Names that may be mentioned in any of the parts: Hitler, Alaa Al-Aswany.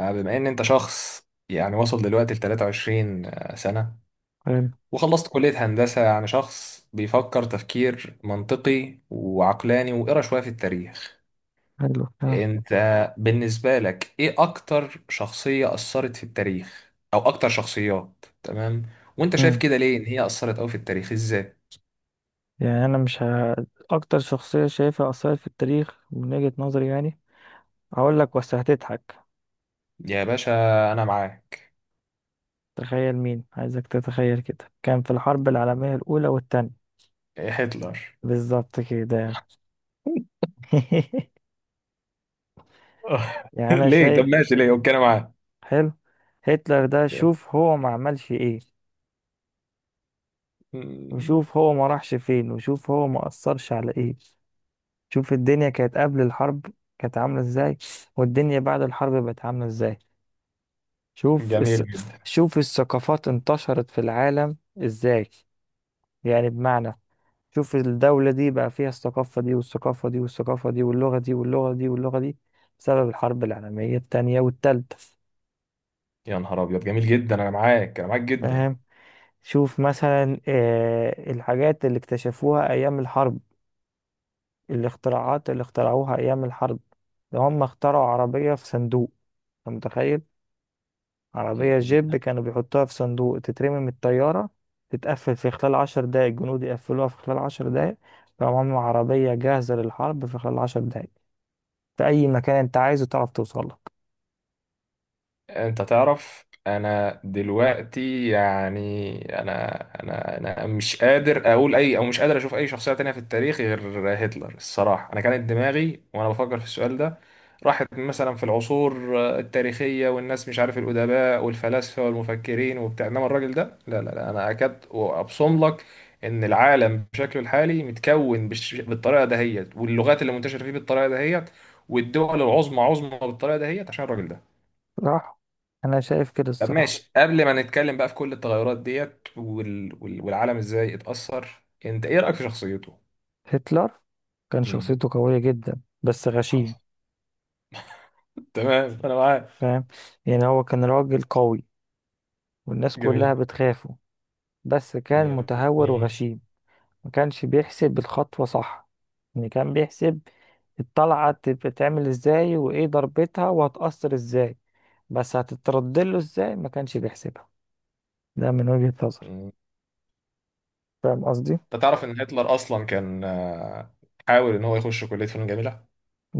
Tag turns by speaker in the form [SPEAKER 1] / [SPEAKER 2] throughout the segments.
[SPEAKER 1] بما ان انت شخص يعني وصل دلوقتي ل 23 سنة،
[SPEAKER 2] حلو.
[SPEAKER 1] وخلصت كلية هندسة، يعني شخص بيفكر تفكير منطقي وعقلاني وقرا شوية في التاريخ.
[SPEAKER 2] حلو آه.
[SPEAKER 1] انت بالنسبة لك ايه اكتر شخصية اثرت في التاريخ او اكتر شخصيات؟ تمام. وانت شايف
[SPEAKER 2] مم.
[SPEAKER 1] كده ليه ان هي اثرت قوي في التاريخ ازاي؟
[SPEAKER 2] يعني انا مش ه... اكتر شخصية شايفها اثرت في التاريخ من وجهة نظري، يعني هقول لك، بس هتضحك.
[SPEAKER 1] يا باشا، انا معاك.
[SPEAKER 2] تخيل مين عايزك تتخيل كده، كان في الحرب العالمية الاولى والتانية.
[SPEAKER 1] إيه، هتلر؟
[SPEAKER 2] بالظبط كده. يعني انا
[SPEAKER 1] ليه؟ طب
[SPEAKER 2] شايف.
[SPEAKER 1] ماشي ليه، اوكي انا معاك.
[SPEAKER 2] حلو. هتلر ده شوف هو ما عملش ايه، وشوف هو ما راحش فين، وشوف هو ما اثرش على ايه. شوف الدنيا كانت قبل الحرب كانت عاملة ازاي، والدنيا بعد الحرب بقت عاملة ازاي. شوف
[SPEAKER 1] جميل.
[SPEAKER 2] الس... شوف الثقافات انتشرت في العالم ازاي. يعني بمعنى، شوف الدولة دي بقى فيها الثقافة دي والثقافة دي والثقافة دي، واللغة دي واللغة دي واللغة دي، بسبب الحرب العالمية التانية والتالتة.
[SPEAKER 1] يا نهار ابيض، جميل جدا، انا معاك، انا معاك جدا.
[SPEAKER 2] فاهم؟ شوف مثلا آه الحاجات اللي اكتشفوها أيام الحرب، الاختراعات اللي اخترعوها أيام الحرب. ده هم اخترعوا عربية في صندوق. أنت متخيل؟ عربية جيب كانوا بيحطوها في صندوق، تترمي من الطيارة، تتقفل في خلال عشر دقايق، الجنود يقفلوها في خلال عشر دقايق. فهم عملوا عربية جاهزة للحرب في خلال عشر دقايق، في أي مكان أنت عايزه تعرف توصل لك.
[SPEAKER 1] انت تعرف، انا دلوقتي يعني انا انا مش قادر اقول اي او مش قادر اشوف اي شخصية تانية في التاريخ غير هتلر الصراحة. انا كانت دماغي وانا بفكر في السؤال ده راحت مثلا في العصور التاريخية والناس مش عارف الأدباء والفلاسفة والمفكرين وبتاع، انما الراجل ده لا لا لا، انا اكاد وابصم لك ان العالم بشكله الحالي متكون بالطريقة دهيت، واللغات اللي منتشرة فيه بالطريقة دهيت، والدول العظمى عظمى بالطريقة دهيت عشان الراجل ده.
[SPEAKER 2] صح. أنا شايف كده
[SPEAKER 1] طب
[SPEAKER 2] الصراحة.
[SPEAKER 1] ماشي، قبل ما نتكلم بقى في كل التغيرات ديت والعالم ازاي اتأثر، انت ايه رأيك في شخصيته؟
[SPEAKER 2] هتلر كان
[SPEAKER 1] امم
[SPEAKER 2] شخصيته قوية جدا، بس غشيم.
[SPEAKER 1] حصل. تمام، انا معاك.
[SPEAKER 2] فاهم؟ يعني هو كان راجل قوي، والناس كلها
[SPEAKER 1] جميل.
[SPEAKER 2] بتخافه، بس كان متهور
[SPEAKER 1] جميل.
[SPEAKER 2] وغشيم. ما كانش بيحسب الخطوة صح. يعني كان بيحسب الطلعة بتتعمل ازاي وايه ضربتها وهتأثر ازاي، بس هتترد له ازاي ما كانش بيحسبها. ده من وجهة نظري.
[SPEAKER 1] مم.
[SPEAKER 2] فاهم قصدي؟
[SPEAKER 1] انت تعرف ان هتلر اصلا كان، حاول ان هو يخش كلية فنون جميلة.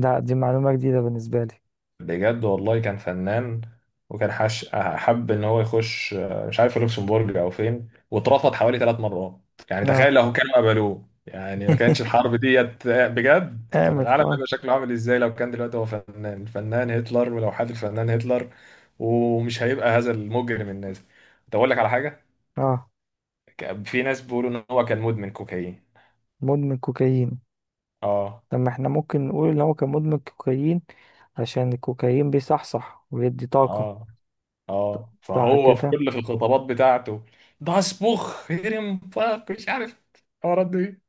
[SPEAKER 2] ده دي معلومة جديدة بالنسبة لي.
[SPEAKER 1] بجد والله كان فنان. وكان حب ان هو يخش، مش عارف، لوكسمبورج او فين، واترفض حوالي 3 مرات. يعني تخيل
[SPEAKER 2] اه.
[SPEAKER 1] لو كانوا قبلوه، يعني ما كانش الحرب ديت بجد. كان
[SPEAKER 2] قامت
[SPEAKER 1] العالم
[SPEAKER 2] خلاص.
[SPEAKER 1] هيبقى شكله عامل ازاي لو كان دلوقتي هو فنان، الفنان هتلر، ولوحات الفنان هتلر، ومش هيبقى هذا المجرم النازي. طب اقول لك على حاجه.
[SPEAKER 2] اه.
[SPEAKER 1] في ناس بيقولوا ان هو كان مدمن كوكايين.
[SPEAKER 2] مدمن كوكايين؟
[SPEAKER 1] اه.
[SPEAKER 2] طب ما احنا ممكن نقول ان هو كان مدمن كوكايين، عشان الكوكايين بيصحصح ويدي طاقة.
[SPEAKER 1] اه. اه،
[SPEAKER 2] صح
[SPEAKER 1] فهو
[SPEAKER 2] كده.
[SPEAKER 1] في الخطابات بتاعته ده اصبخ هرم فخ مش عارف، الحوارات دي.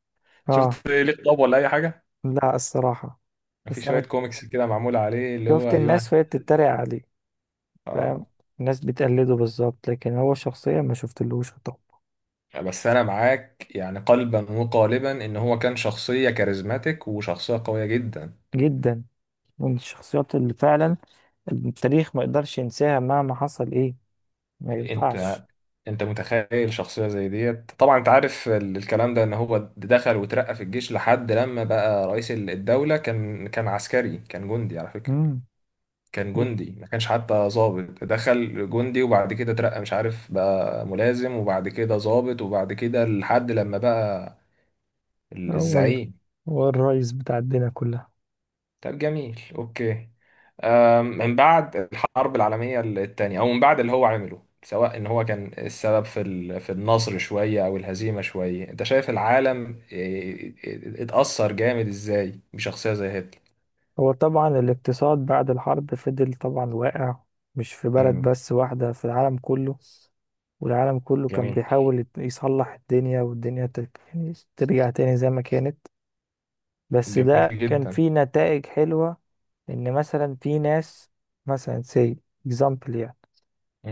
[SPEAKER 2] اه.
[SPEAKER 1] شفت ليه خطاب ولا اي حاجه؟
[SPEAKER 2] لا الصراحة.
[SPEAKER 1] في
[SPEAKER 2] بس
[SPEAKER 1] شويه
[SPEAKER 2] انا
[SPEAKER 1] كوميكس كده معمول عليه، اللي
[SPEAKER 2] شفت
[SPEAKER 1] هو ايوه.
[SPEAKER 2] الناس وهي بتتريق عليه. فاهم؟
[SPEAKER 1] اه،
[SPEAKER 2] الناس بتقلده بالظبط، لكن هو شخصيا ما شفتلوش.
[SPEAKER 1] بس انا معاك يعني قلبا وقالبا ان هو كان شخصيه كاريزماتيك وشخصيه قويه جدا.
[SPEAKER 2] جدا. من الشخصيات اللي فعلا التاريخ ما يقدرش ينساها مهما حصل ايه. ما
[SPEAKER 1] انت
[SPEAKER 2] ينفعش.
[SPEAKER 1] انت متخيل شخصيه زي ديت؟ طبعا انت عارف الكلام ده، ان هو دخل وترقى في الجيش لحد لما بقى رئيس الدوله. كان عسكري، كان جندي على فكره.
[SPEAKER 2] امم
[SPEAKER 1] كان
[SPEAKER 2] ايه.
[SPEAKER 1] جندي، ما كانش حتى ظابط، دخل جندي وبعد كده اترقى مش عارف بقى ملازم، وبعد كده ظابط، وبعد كده لحد لما بقى ال-
[SPEAKER 2] اه والله.
[SPEAKER 1] الزعيم
[SPEAKER 2] هو الرئيس بتاع الدنيا كلها.
[SPEAKER 1] طب جميل، اوكي. من بعد الحرب العالمية الثانية، او من بعد اللي هو عمله، سواء ان هو كان السبب في النصر شوية او الهزيمة شوية، انت شايف العالم إيه، إيه، اتأثر جامد ازاي بشخصية زي هتلر؟
[SPEAKER 2] هو طبعا الاقتصاد بعد الحرب فضل طبعا واقع، مش في بلد
[SPEAKER 1] مم،
[SPEAKER 2] بس واحدة، في العالم كله. والعالم كله كان
[SPEAKER 1] جميل.
[SPEAKER 2] بيحاول يصلح الدنيا، والدنيا يعني ترجع تاني زي ما كانت. بس ده
[SPEAKER 1] جميل
[SPEAKER 2] كان
[SPEAKER 1] جدا.
[SPEAKER 2] فيه نتائج حلوة. إن مثلا في ناس، مثلا say example يعني،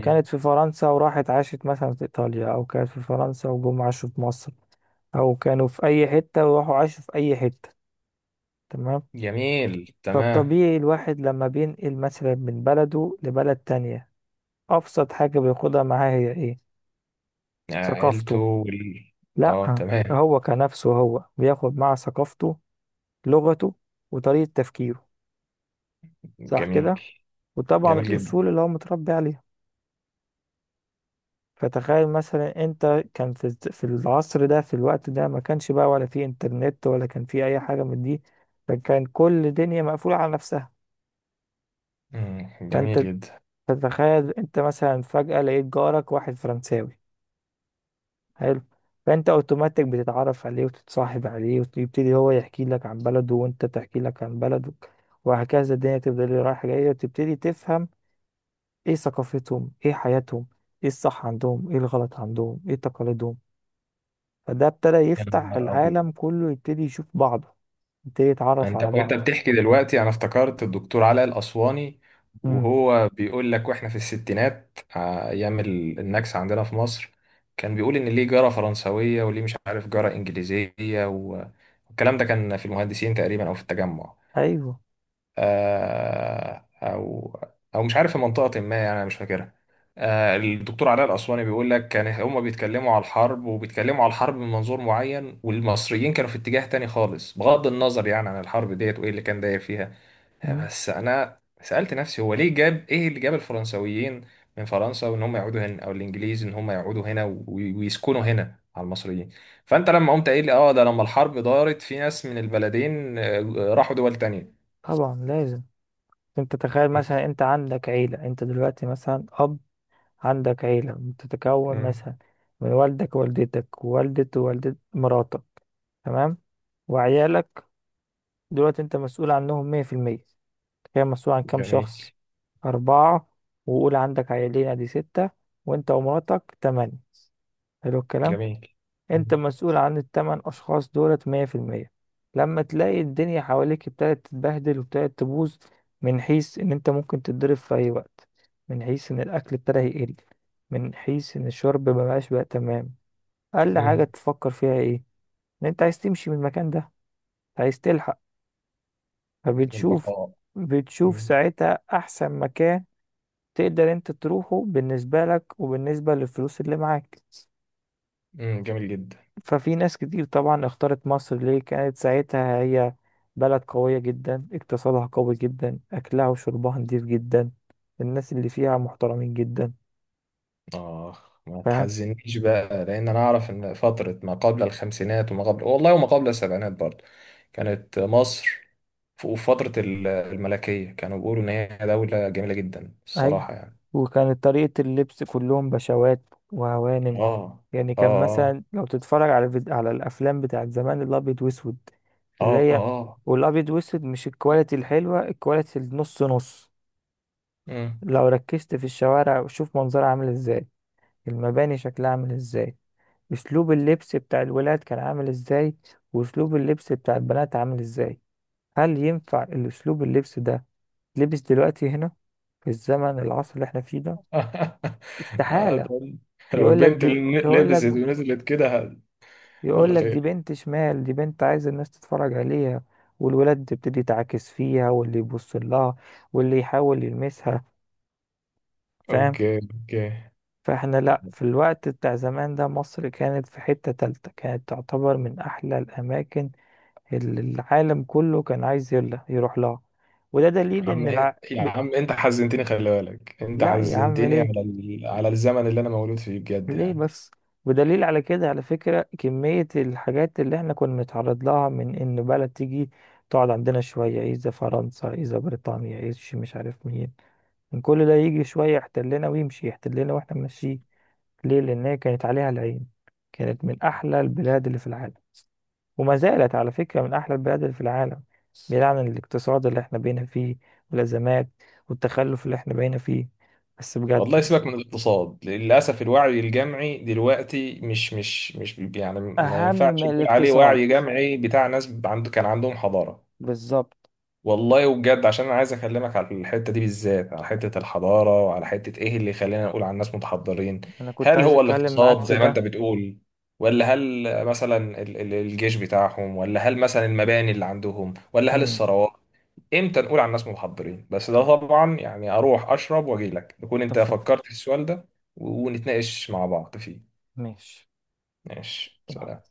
[SPEAKER 2] كانت في فرنسا وراحت عاشت مثلا في إيطاليا، أو كانت في فرنسا وجم عاشوا في مصر، أو كانوا في أي حتة وراحوا عاشوا في أي حتة. تمام.
[SPEAKER 1] جميل. تمام.
[SPEAKER 2] فالطبيعي الواحد لما بينقل مثلا من بلده لبلد تانية، أبسط حاجة بياخدها معاه هي إيه؟
[SPEAKER 1] عيلته
[SPEAKER 2] ثقافته.
[SPEAKER 1] اه
[SPEAKER 2] لأ،
[SPEAKER 1] تمام.
[SPEAKER 2] هو كنفسه هو بياخد معاه ثقافته، لغته، وطريقة تفكيره. صح
[SPEAKER 1] جميل.
[SPEAKER 2] كده؟ وطبعا
[SPEAKER 1] جميل جدا.
[SPEAKER 2] الأصول اللي هو متربي عليها. فتخيل مثلا انت كان في في العصر ده، في الوقت ده ما كانش بقى ولا في انترنت ولا كان في اي حاجة من دي. فكان كل دنيا مقفولة على نفسها.
[SPEAKER 1] مم. جميل
[SPEAKER 2] فانت
[SPEAKER 1] جدا.
[SPEAKER 2] تتخيل انت مثلا فجأة لقيت جارك واحد فرنساوي. حلو. فانت اوتوماتيك بتتعرف عليه وتتصاحب عليه، ويبتدي هو يحكي لك عن بلده وانت تحكي لك عن بلدك. وهكذا الدنيا تفضل رايحة جاية، وتبتدي تفهم ايه ثقافتهم، ايه حياتهم، ايه الصح عندهم، ايه الغلط عندهم، ايه تقاليدهم. فده ابتدى
[SPEAKER 1] يا
[SPEAKER 2] يفتح
[SPEAKER 1] نهار ابيض.
[SPEAKER 2] العالم كله، يبتدي يشوف بعضه، يبتدي يتعرف
[SPEAKER 1] انت
[SPEAKER 2] على
[SPEAKER 1] وانت
[SPEAKER 2] بعضه.
[SPEAKER 1] بتحكي دلوقتي انا افتكرت الدكتور علاء الاسواني،
[SPEAKER 2] مم.
[SPEAKER 1] وهو بيقول لك واحنا في الستينات، ايام النكسه عندنا في مصر. كان بيقول ان ليه جاره فرنسويه، وليه مش عارف جاره انجليزيه، و- والكلام ده كان في المهندسين تقريبا او في التجمع،
[SPEAKER 2] ايوه.
[SPEAKER 1] آه، او او مش عارف في منطقه ما، يعني انا مش فاكرها. الدكتور علاء الاسواني بيقول لك كان هم بيتكلموا على الحرب، وبيتكلموا على الحرب من منظور معين، والمصريين كانوا في اتجاه تاني خالص، بغض النظر يعني عن الحرب ديت وايه اللي كان داير فيها.
[SPEAKER 2] مم.
[SPEAKER 1] بس انا سالت نفسي، هو ليه جاب، ايه اللي جاب الفرنسويين من فرنسا وان هم يقعدوا هنا، او الانجليز ان هم يقعدوا هنا ويسكنوا هنا على المصريين؟ فانت لما قمت قايل لي اه، ده لما الحرب دارت في ناس من البلدين، راحوا دول
[SPEAKER 2] طبعا لازم. انت تخيل
[SPEAKER 1] تانية.
[SPEAKER 2] مثلا انت عندك عيلة، انت دلوقتي مثلا اب، عندك عيلة بتتكون مثلا من والدك ووالدتك ووالدة ووالدة مراتك، تمام، وعيالك. دلوقتي انت مسؤول عنهم مية في المية. تخيل مسؤول عن كام
[SPEAKER 1] جميل.
[SPEAKER 2] شخص؟ أربعة. وقول عندك عيالين ادي ستة. وانت ومراتك تمانية. حلو الكلام.
[SPEAKER 1] جميل.
[SPEAKER 2] انت مسؤول عن التمن اشخاص دولت مية في المية. لما تلاقي الدنيا حواليك ابتدت تتبهدل وابتدت تبوظ، من حيث ان انت ممكن تتضرب في اي وقت، من حيث ان الاكل ابتدى يقل، من حيث ان الشرب مبقاش بقى تمام. اقل حاجة
[SPEAKER 1] امم.
[SPEAKER 2] تفكر فيها ايه؟ ان انت عايز تمشي من المكان ده، عايز تلحق. فبتشوف
[SPEAKER 1] البقاء.
[SPEAKER 2] بتشوف
[SPEAKER 1] امم.
[SPEAKER 2] ساعتها احسن مكان تقدر انت تروحه بالنسبة لك وبالنسبة للفلوس اللي معاك.
[SPEAKER 1] أمم، جميل جدا.
[SPEAKER 2] ففي ناس كتير طبعا اختارت مصر، ليه؟ كانت ساعتها هي بلد قوية جدا، اقتصادها قوي جدا، أكلها وشربها نضيف جدا، الناس اللي فيها محترمين جدا.
[SPEAKER 1] آه، ما
[SPEAKER 2] فاهم؟
[SPEAKER 1] تحزنيش بقى، لأن أنا أعرف إن فترة ما قبل الخمسينات وما قبل والله وما قبل السبعينات برضه كانت مصر، في فترة الملكية، كانوا بيقولوا إن هي دولة جميلة جدا
[SPEAKER 2] أيوة.
[SPEAKER 1] الصراحة يعني.
[SPEAKER 2] وكانت طريقة اللبس كلهم بشوات وهوانم.
[SPEAKER 1] آه.
[SPEAKER 2] يعني كان
[SPEAKER 1] آه.
[SPEAKER 2] مثلا لو تتفرج على على الأفلام بتاعت زمان الأبيض وأسود، اللي
[SPEAKER 1] آه. آه.
[SPEAKER 2] هي،
[SPEAKER 1] آه.
[SPEAKER 2] والأبيض وأسود مش الكواليتي الحلوة، الكواليتي النص نص.
[SPEAKER 1] أمم.
[SPEAKER 2] لو ركزت في الشوارع وشوف منظرها عامل ازاي، المباني شكلها عامل ازاي، اسلوب اللبس بتاع الولاد كان عامل ازاي، واسلوب اللبس بتاع البنات عامل ازاي. هل ينفع الاسلوب اللبس ده لبس دلوقتي هنا، في الزمن العصر اللي احنا فيه ده؟
[SPEAKER 1] آه،
[SPEAKER 2] استحالة.
[SPEAKER 1] ده- لو
[SPEAKER 2] يقول لك
[SPEAKER 1] البنت
[SPEAKER 2] دي،
[SPEAKER 1] اللي
[SPEAKER 2] يقول
[SPEAKER 1] لبست
[SPEAKER 2] لك،
[SPEAKER 1] ونزلت كده
[SPEAKER 2] يقول
[SPEAKER 1] يلا
[SPEAKER 2] لك دي
[SPEAKER 1] خير.
[SPEAKER 2] بنت شمال، دي بنت عايز الناس تتفرج عليها. والولاد تبتدي تعاكس فيها، واللي يبص لها، واللي يحاول يلمسها. فاهم؟
[SPEAKER 1] أوكي. أوكي.
[SPEAKER 2] فاحنا لا، في الوقت بتاع زمان ده مصر كانت في حتة تالتة، كانت تعتبر من احلى الاماكن. العالم كله كان عايز يلا يروح لها. وده
[SPEAKER 1] يا
[SPEAKER 2] دليل
[SPEAKER 1] عم
[SPEAKER 2] ان
[SPEAKER 1] إيه، يا عم انت حزنتني، خلي بالك انت
[SPEAKER 2] لا يا عم،
[SPEAKER 1] حزنتني
[SPEAKER 2] ليه؟
[SPEAKER 1] على على الزمن اللي انا مولود فيه بجد
[SPEAKER 2] ليه
[SPEAKER 1] يعني.
[SPEAKER 2] بس؟ ودليل على كده على فكرة، كمية الحاجات اللي احنا كنا بنتعرض لها، من ان بلد تيجي تقعد عندنا شوية، إذا فرنسا، إذا بريطانيا، إذا شي مش عارف مين، من كل ده يجي شوية يحتلنا ويمشي يحتلنا واحنا ماشيين. ليه؟ لأن هي كانت عليها العين، كانت من أحلى البلاد اللي في العالم، وما زالت على فكرة من أحلى البلاد في العالم، بعيد عن الاقتصاد اللي احنا بقينا فيه، والأزمات، والتخلف اللي احنا بقينا فيه. بس
[SPEAKER 1] والله
[SPEAKER 2] بجد،
[SPEAKER 1] سيبك من الاقتصاد، للاسف الوعي الجمعي دلوقتي مش يعني ما
[SPEAKER 2] اهم
[SPEAKER 1] ينفعش
[SPEAKER 2] من
[SPEAKER 1] نقول عليه
[SPEAKER 2] الاقتصاد.
[SPEAKER 1] وعي جمعي بتاع ناس عنده، كان عندهم حضارة.
[SPEAKER 2] بالظبط.
[SPEAKER 1] والله وبجد، عشان انا عايز اكلمك على الحته دي بالذات، على حته الحضاره، وعلى حته ايه اللي يخلينا نقول على الناس متحضرين.
[SPEAKER 2] أنا كنت
[SPEAKER 1] هل
[SPEAKER 2] عايز
[SPEAKER 1] هو
[SPEAKER 2] أتكلم معاك
[SPEAKER 1] الاقتصاد
[SPEAKER 2] في
[SPEAKER 1] زي ما انت
[SPEAKER 2] ده.
[SPEAKER 1] بتقول؟ ولا هل مثلا الجيش بتاعهم؟ ولا هل مثلا المباني اللي عندهم؟ ولا هل
[SPEAKER 2] امم.
[SPEAKER 1] الثروات؟ امتى نقول على الناس متحضرين؟ بس ده طبعا يعني اروح اشرب واجي لك تكون انت
[SPEAKER 2] اتفق.
[SPEAKER 1] فكرت في السؤال ده ونتناقش مع بعض فيه.
[SPEAKER 2] ماشي.
[SPEAKER 1] ماشي، سلام.